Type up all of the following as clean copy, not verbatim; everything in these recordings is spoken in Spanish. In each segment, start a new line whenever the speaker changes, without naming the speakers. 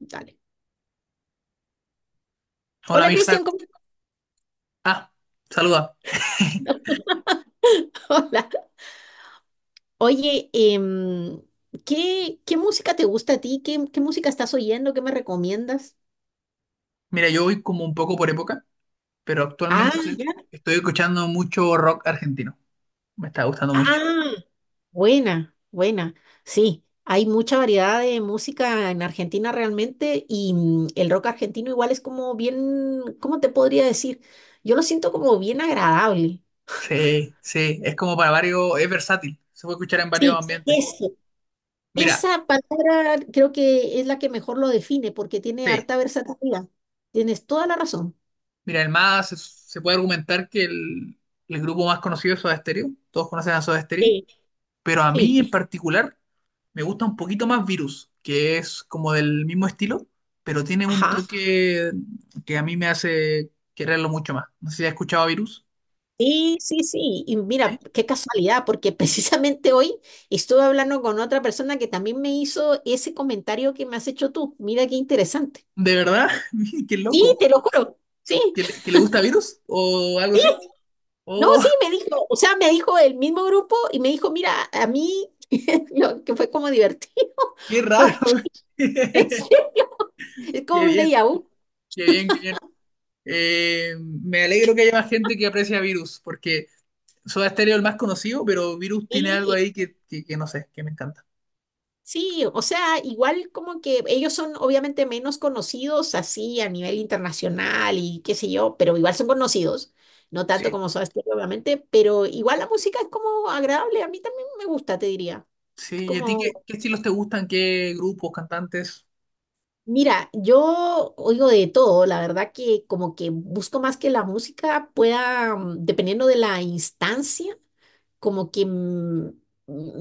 Dale.
Hola
Hola,
Mirza.
Cristian.
Ah, saluda.
Hola. Oye, ¿qué música te gusta a ti? ¿Qué música estás oyendo? ¿Qué me recomiendas?
Mira, yo voy como un poco por época, pero
Ah,
actualmente
ya.
estoy escuchando mucho rock argentino. Me está gustando mucho.
Ah, buena, buena. Sí, hay mucha variedad de música en Argentina realmente y el rock argentino igual es como bien, ¿cómo te podría decir? Yo lo siento como bien agradable.
Sí, sí, es como para varios, es versátil. Se puede escuchar en varios
Sí,
ambientes.
eso.
Mira,
Esa palabra creo que es la que mejor lo define porque tiene
sí,
harta versatilidad. Tienes toda la razón.
mira, se puede argumentar que el grupo más conocido es Soda Stereo. Todos conocen a Soda Stereo,
Sí,
pero a
sí,
mí en particular me gusta un poquito más Virus, que es como del mismo estilo, pero tiene un
ajá,
toque que a mí me hace quererlo mucho más. No sé si has escuchado a Virus.
sí, sí, sí. Y
¿Eh?
mira, qué casualidad, porque precisamente hoy estuve hablando con otra persona que también me hizo ese comentario que me has hecho tú. Mira qué interesante.
¿De verdad? Mira, qué
Sí,
loco.
te lo juro. Sí,
¿Que le gusta Virus o algo así?
no,
Oh,
sí, me dijo, o sea, me dijo el mismo grupo y me dijo, mira, a mí, lo que fue como divertido,
qué raro.
porque es,
Qué
como un
bien,
déjà vu.
qué bien, qué bien. Me alegro que haya más gente que aprecia Virus, porque Soda Stereo es el más conocido, pero Virus tiene algo
Sí,
ahí que no sé, que me encanta.
sí, o sea, igual como que ellos son obviamente menos conocidos así a nivel internacional y qué sé yo, pero igual son conocidos, no tanto
Sí.
como Soda Stereo, obviamente, pero igual la música es como agradable, a mí también me gusta, te diría. Es
Sí, ¿y a ti
como,
qué estilos te gustan? ¿Qué grupos, cantantes?
mira, yo oigo de todo, la verdad que como que busco más que la música pueda, dependiendo de la instancia como que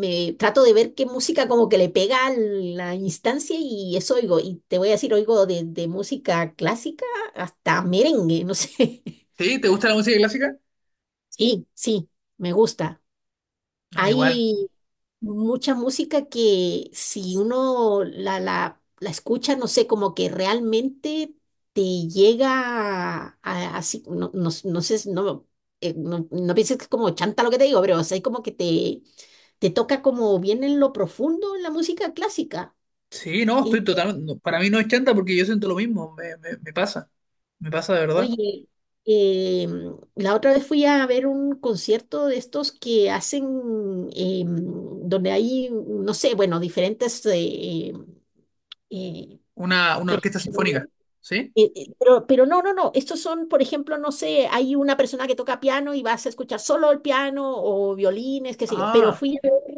me trato de ver qué música como que le pega a la instancia y eso oigo. Y te voy a decir, oigo de música clásica hasta merengue, no sé.
¿Sí? ¿Te gusta la música clásica?
Sí, sí, me gusta.
A mí igual.
Hay mucha música que si uno la escucha, no sé, como que realmente te llega a, así, no, no, no sé, no, no, no pienses que es como chanta lo que te digo, pero o sea, es como que te toca como bien en lo profundo en la música clásica.
Sí, no,
Es-
estoy totalmente. No, para mí no es chanta porque yo siento lo mismo. Me pasa. Me pasa de verdad.
oye, la otra vez fui a ver un concierto de estos que hacen, em, donde hay, no sé, bueno, diferentes... eh,
Una orquesta
Mira.
sinfónica. ¿Sí?
Pero no, no, no. Estos son, por ejemplo, no sé, hay una persona que toca piano y vas a escuchar solo el piano o violines, qué sé yo. Pero
Ah,
fui a ver,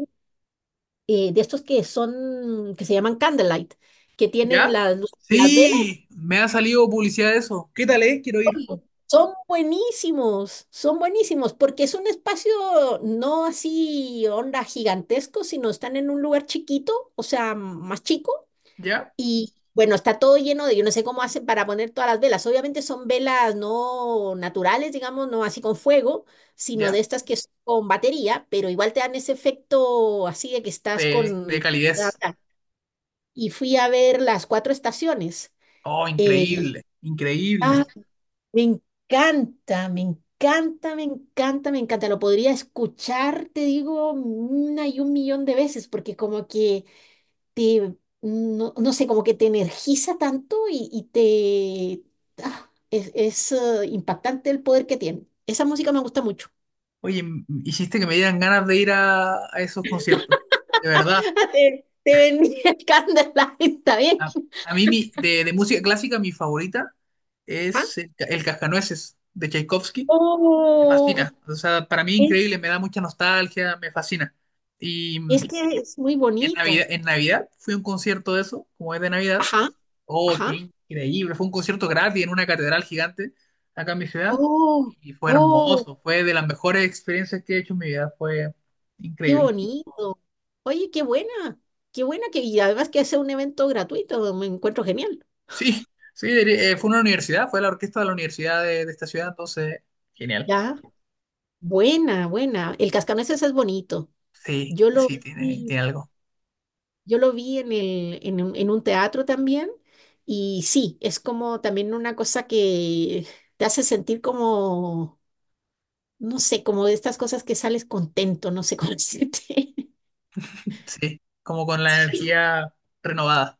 de estos que son, que se llaman candlelight, que tienen
¿ya?
las, las velas.
Sí, me ha salido publicidad de eso. ¿Qué tal es? Quiero ir.
Y son buenísimos, son buenísimos, porque es un espacio no así onda gigantesco, sino están en un lugar chiquito, o sea, más chico.
¿Ya?
Y bueno, está todo lleno de, yo no sé cómo hacen para poner todas las velas. Obviamente son velas no naturales, digamos, no así con fuego, sino de
¿Ya?
estas que son con batería, pero igual te dan ese efecto así de que estás con...
De
el-
calidez.
Y fui a ver las cuatro estaciones.
Oh,
Eh,
increíble. Increíble.
ah, me encanta, me encanta, me encanta, me encanta. Lo podría escuchar, te digo, una y un millón de veces, porque como que te, no, no sé, como que te energiza tanto y te... ah, impactante el poder que tiene. Esa música me gusta mucho.
Oye, hiciste que me dieran ganas de ir a esos conciertos. De verdad.
Te venía el Candlelight, está bien.
A, a de música clásica mi favorita
Ajá.
es el Cascanueces de Tchaikovsky. Me fascina.
Oh,
O sea, para mí increíble,
es,
me da mucha nostalgia, me fascina. Y,
es que es muy
y
bonita.
en Navidad fui a un concierto de eso, como es de Navidad.
Ajá,
Oh, qué
ajá.
increíble. Fue un concierto gratis en una catedral gigante acá en mi ciudad.
Oh,
Y fue
oh,
hermoso, fue de las mejores experiencias que he hecho en mi vida. Fue
qué
increíble.
bonito. Oye, qué buena que y además que hace un evento gratuito, me encuentro genial.
Sí, Fue una universidad, fue la orquesta de la universidad de esta ciudad, entonces, genial.
Ya, buena, buena. El cascanueces es bonito.
Sí,
Yo lo
sí,
vi,
tiene algo.
yo lo vi en el, en un teatro también y sí, es como también una cosa que te hace sentir como, no sé, como de estas cosas que sales contento, no sé cómo decirte.
Sí, como con la energía renovada.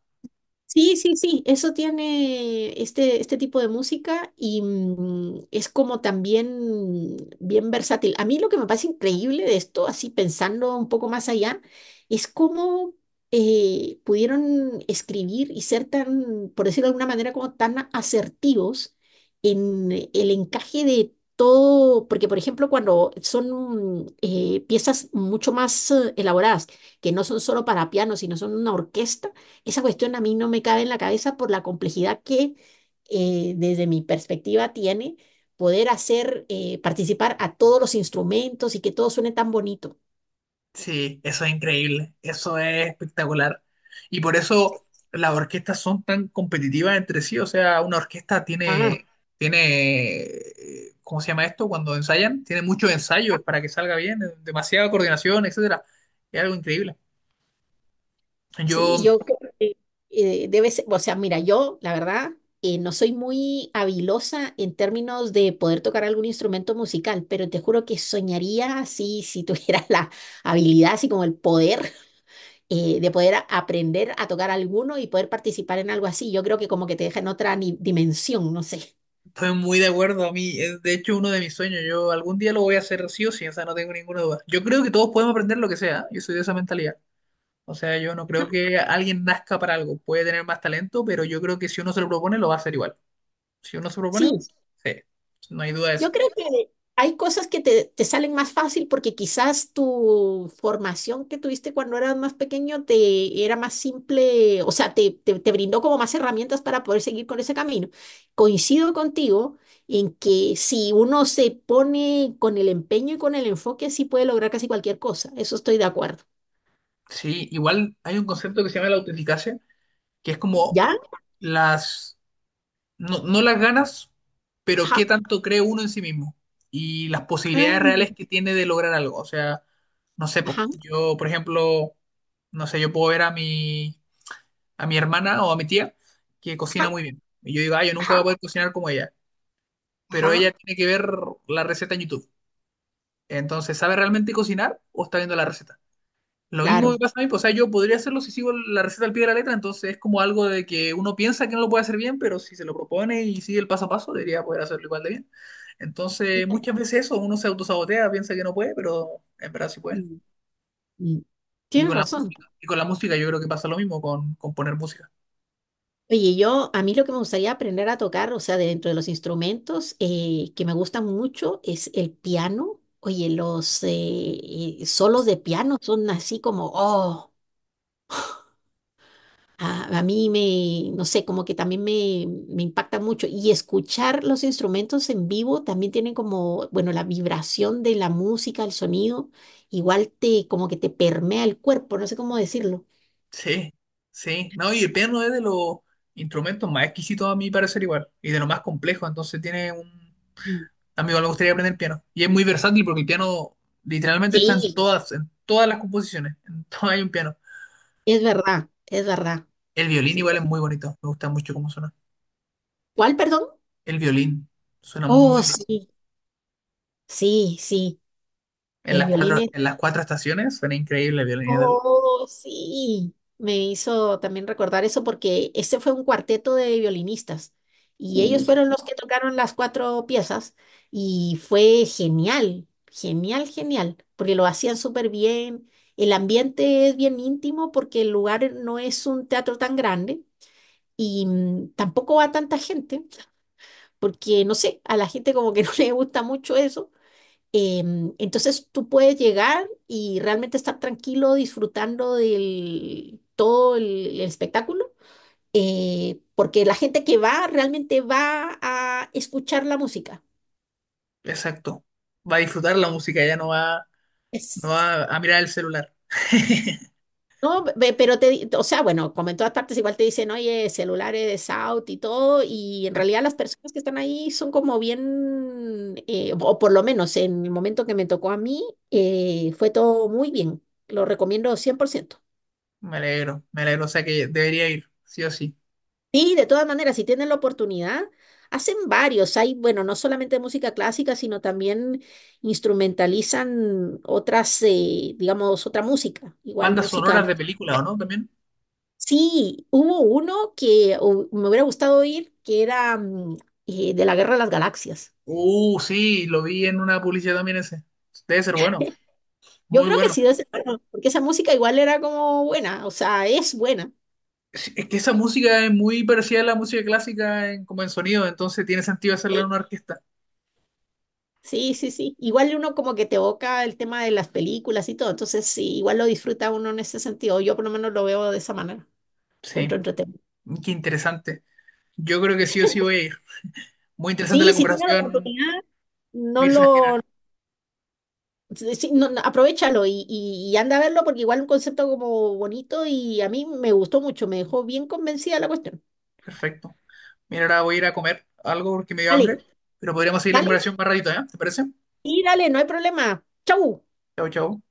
Sí, sí, sí, eso tiene este, este tipo de música y es como también bien versátil. A mí lo que me parece increíble de esto, así pensando un poco más allá, es cómo pudieron escribir y ser tan, por decirlo de alguna manera, como tan asertivos en el encaje de todo, porque por ejemplo cuando son piezas mucho más elaboradas, que no son solo para piano, sino son una orquesta. Esa cuestión a mí no me cabe en la cabeza por la complejidad que desde mi perspectiva tiene poder hacer participar a todos los instrumentos y que todo suene tan bonito.
Sí, eso es increíble, eso es espectacular. Y por eso las orquestas son tan competitivas entre sí. O sea, una orquesta
Ah,
tiene, ¿cómo se llama esto? Cuando ensayan, tiene muchos ensayos para que salga bien, demasiada coordinación, etcétera. Es algo increíble. Yo
sí, yo creo que debe ser, o sea, mira, yo la verdad no soy muy habilosa en términos de poder tocar algún instrumento musical, pero te juro que soñaría así si tuviera la habilidad, así como el poder de poder aprender a tocar alguno y poder participar en algo así. Yo creo que como que te deja en otra dimensión, no sé.
Estoy muy de acuerdo, a mí es de hecho uno de mis sueños. Yo algún día lo voy a hacer sí o sí, o sea, no tengo ninguna duda. Yo creo que todos podemos aprender lo que sea, ¿eh? Yo soy de esa mentalidad. O sea, yo no creo que alguien nazca para algo, puede tener más talento, pero yo creo que si uno se lo propone, lo va a hacer igual. Si uno se lo propone,
Sí,
sí, no hay duda de
yo
eso.
creo que hay cosas que te salen más fácil porque quizás tu formación que tuviste cuando eras más pequeño te era más simple, o sea, te brindó como más herramientas para poder seguir con ese camino. Coincido contigo en que si uno se pone con el empeño y con el enfoque, sí puede lograr casi cualquier cosa. Eso estoy de acuerdo.
Sí, igual hay un concepto que se llama la autoeficacia, que es como
¿Ya?
las no las ganas, pero
Ajá.
qué tanto cree uno en sí mismo y las posibilidades reales
Ah,
que tiene de lograr algo. O sea, no sé, po,
ajá.
yo, por ejemplo, no sé, yo puedo ver a a mi hermana o a mi tía que cocina
Ajá,
muy bien. Y yo digo, ah, yo nunca voy a
ajá,
poder cocinar como ella, pero
ajá,
ella tiene que ver la receta en YouTube. Entonces, ¿sabe realmente cocinar o está viendo la receta? Lo mismo me
claro.
pasa a mí, pues, o sea, yo podría hacerlo si sigo la receta al pie de la letra, entonces es como algo de que uno piensa que no lo puede hacer bien, pero si se lo propone y sigue el paso a paso, debería poder hacerlo igual de bien. Entonces, muchas veces eso, uno se autosabotea, piensa que no puede, pero en verdad sí puede.
Mm, mm.
Y
Tienes
con la
razón.
música, y con la música yo creo que pasa lo mismo con poner música.
Oye, yo, a mí lo que me gustaría aprender a tocar, o sea, dentro de los instrumentos que me gustan mucho es el piano. Oye, los solos de piano son así como, oh, a mí me, no sé, como que también me impacta mucho. Y escuchar los instrumentos en vivo también tienen como, bueno, la vibración de la música, el sonido, igual te, como que te permea el cuerpo, no sé cómo decirlo.
Sí, sí. No, y el piano es de los instrumentos más exquisitos a mi parecer igual, y de lo más complejo, entonces tiene un,
Mm.
a mí igual me gustaría aprender piano. Y es muy versátil porque el piano literalmente está
Sí,
en todas las composiciones. En todas hay un piano.
es verdad, es verdad.
El violín
Sí.
igual es muy bonito. Me gusta mucho cómo suena.
¿Cuál, perdón?
El violín suena
Oh,
muy lindo.
sí, sí, sí. El violín es.
En las cuatro estaciones suena increíble el violín.
Oh, sí. Me hizo también recordar eso porque ese fue un cuarteto de violinistas y ellos fueron los que tocaron las cuatro piezas y fue genial, genial, genial, porque lo hacían súper bien. El ambiente es bien íntimo porque el lugar no es un teatro tan grande y tampoco va tanta gente, porque no sé, a la gente como que no le gusta mucho eso. Entonces tú puedes llegar y realmente estar tranquilo disfrutando del todo el espectáculo, porque la gente que va realmente va a escuchar la música.
Exacto. Va a disfrutar la música, ya no va, no
Es
va a mirar el celular.
no, pero te, o sea, bueno, como en todas partes igual te dicen, oye, celulares de South y todo, y en realidad las personas que están ahí son como bien, o por lo menos en el momento que me tocó a mí, fue todo muy bien. Lo recomiendo cien por ciento.
Me alegro, me alegro. O sea que debería ir, sí o sí.
Sí, de todas maneras, si tienen la oportunidad, hacen varios. Hay, bueno, no solamente música clásica, sino también instrumentalizan otras, digamos, otra música, igual
Bandas
música.
sonoras de películas, ¿o no? También.
Sí, hubo uno que me hubiera gustado ir, que era de la Guerra de las Galaxias.
Sí, lo vi en una publicidad también ese. Debe ser bueno.
Yo
Muy
creo que
bueno.
sí, debe ser bueno, porque esa música igual era como buena, o sea, es buena.
Es que esa música es muy parecida a la música clásica en, como en sonido, entonces tiene sentido hacerla en
Sí,
una orquesta.
sí, sí, sí. Igual uno como que te evoca el tema de las películas y todo, entonces sí, igual lo disfruta uno en ese sentido. Yo por lo menos lo veo de esa manera, encuentro
Sí,
entretenido.
qué interesante. Yo creo que sí o sí voy a ir. Muy interesante
Sí,
la
si tiene la
conversación,
oportunidad, no
Mirza, en general.
lo, sí, sí, no, no, aprovechalo y anda a verlo porque igual un concepto como bonito y a mí me gustó mucho, me dejó bien convencida la cuestión.
Perfecto. Mira, ahora voy a ir a comer algo porque me dio
Dale,
hambre, pero podríamos seguir la
dale,
conversación más ratito, ¿eh? ¿Te parece?
y dale, no hay problema. Chau.
Chao, chao.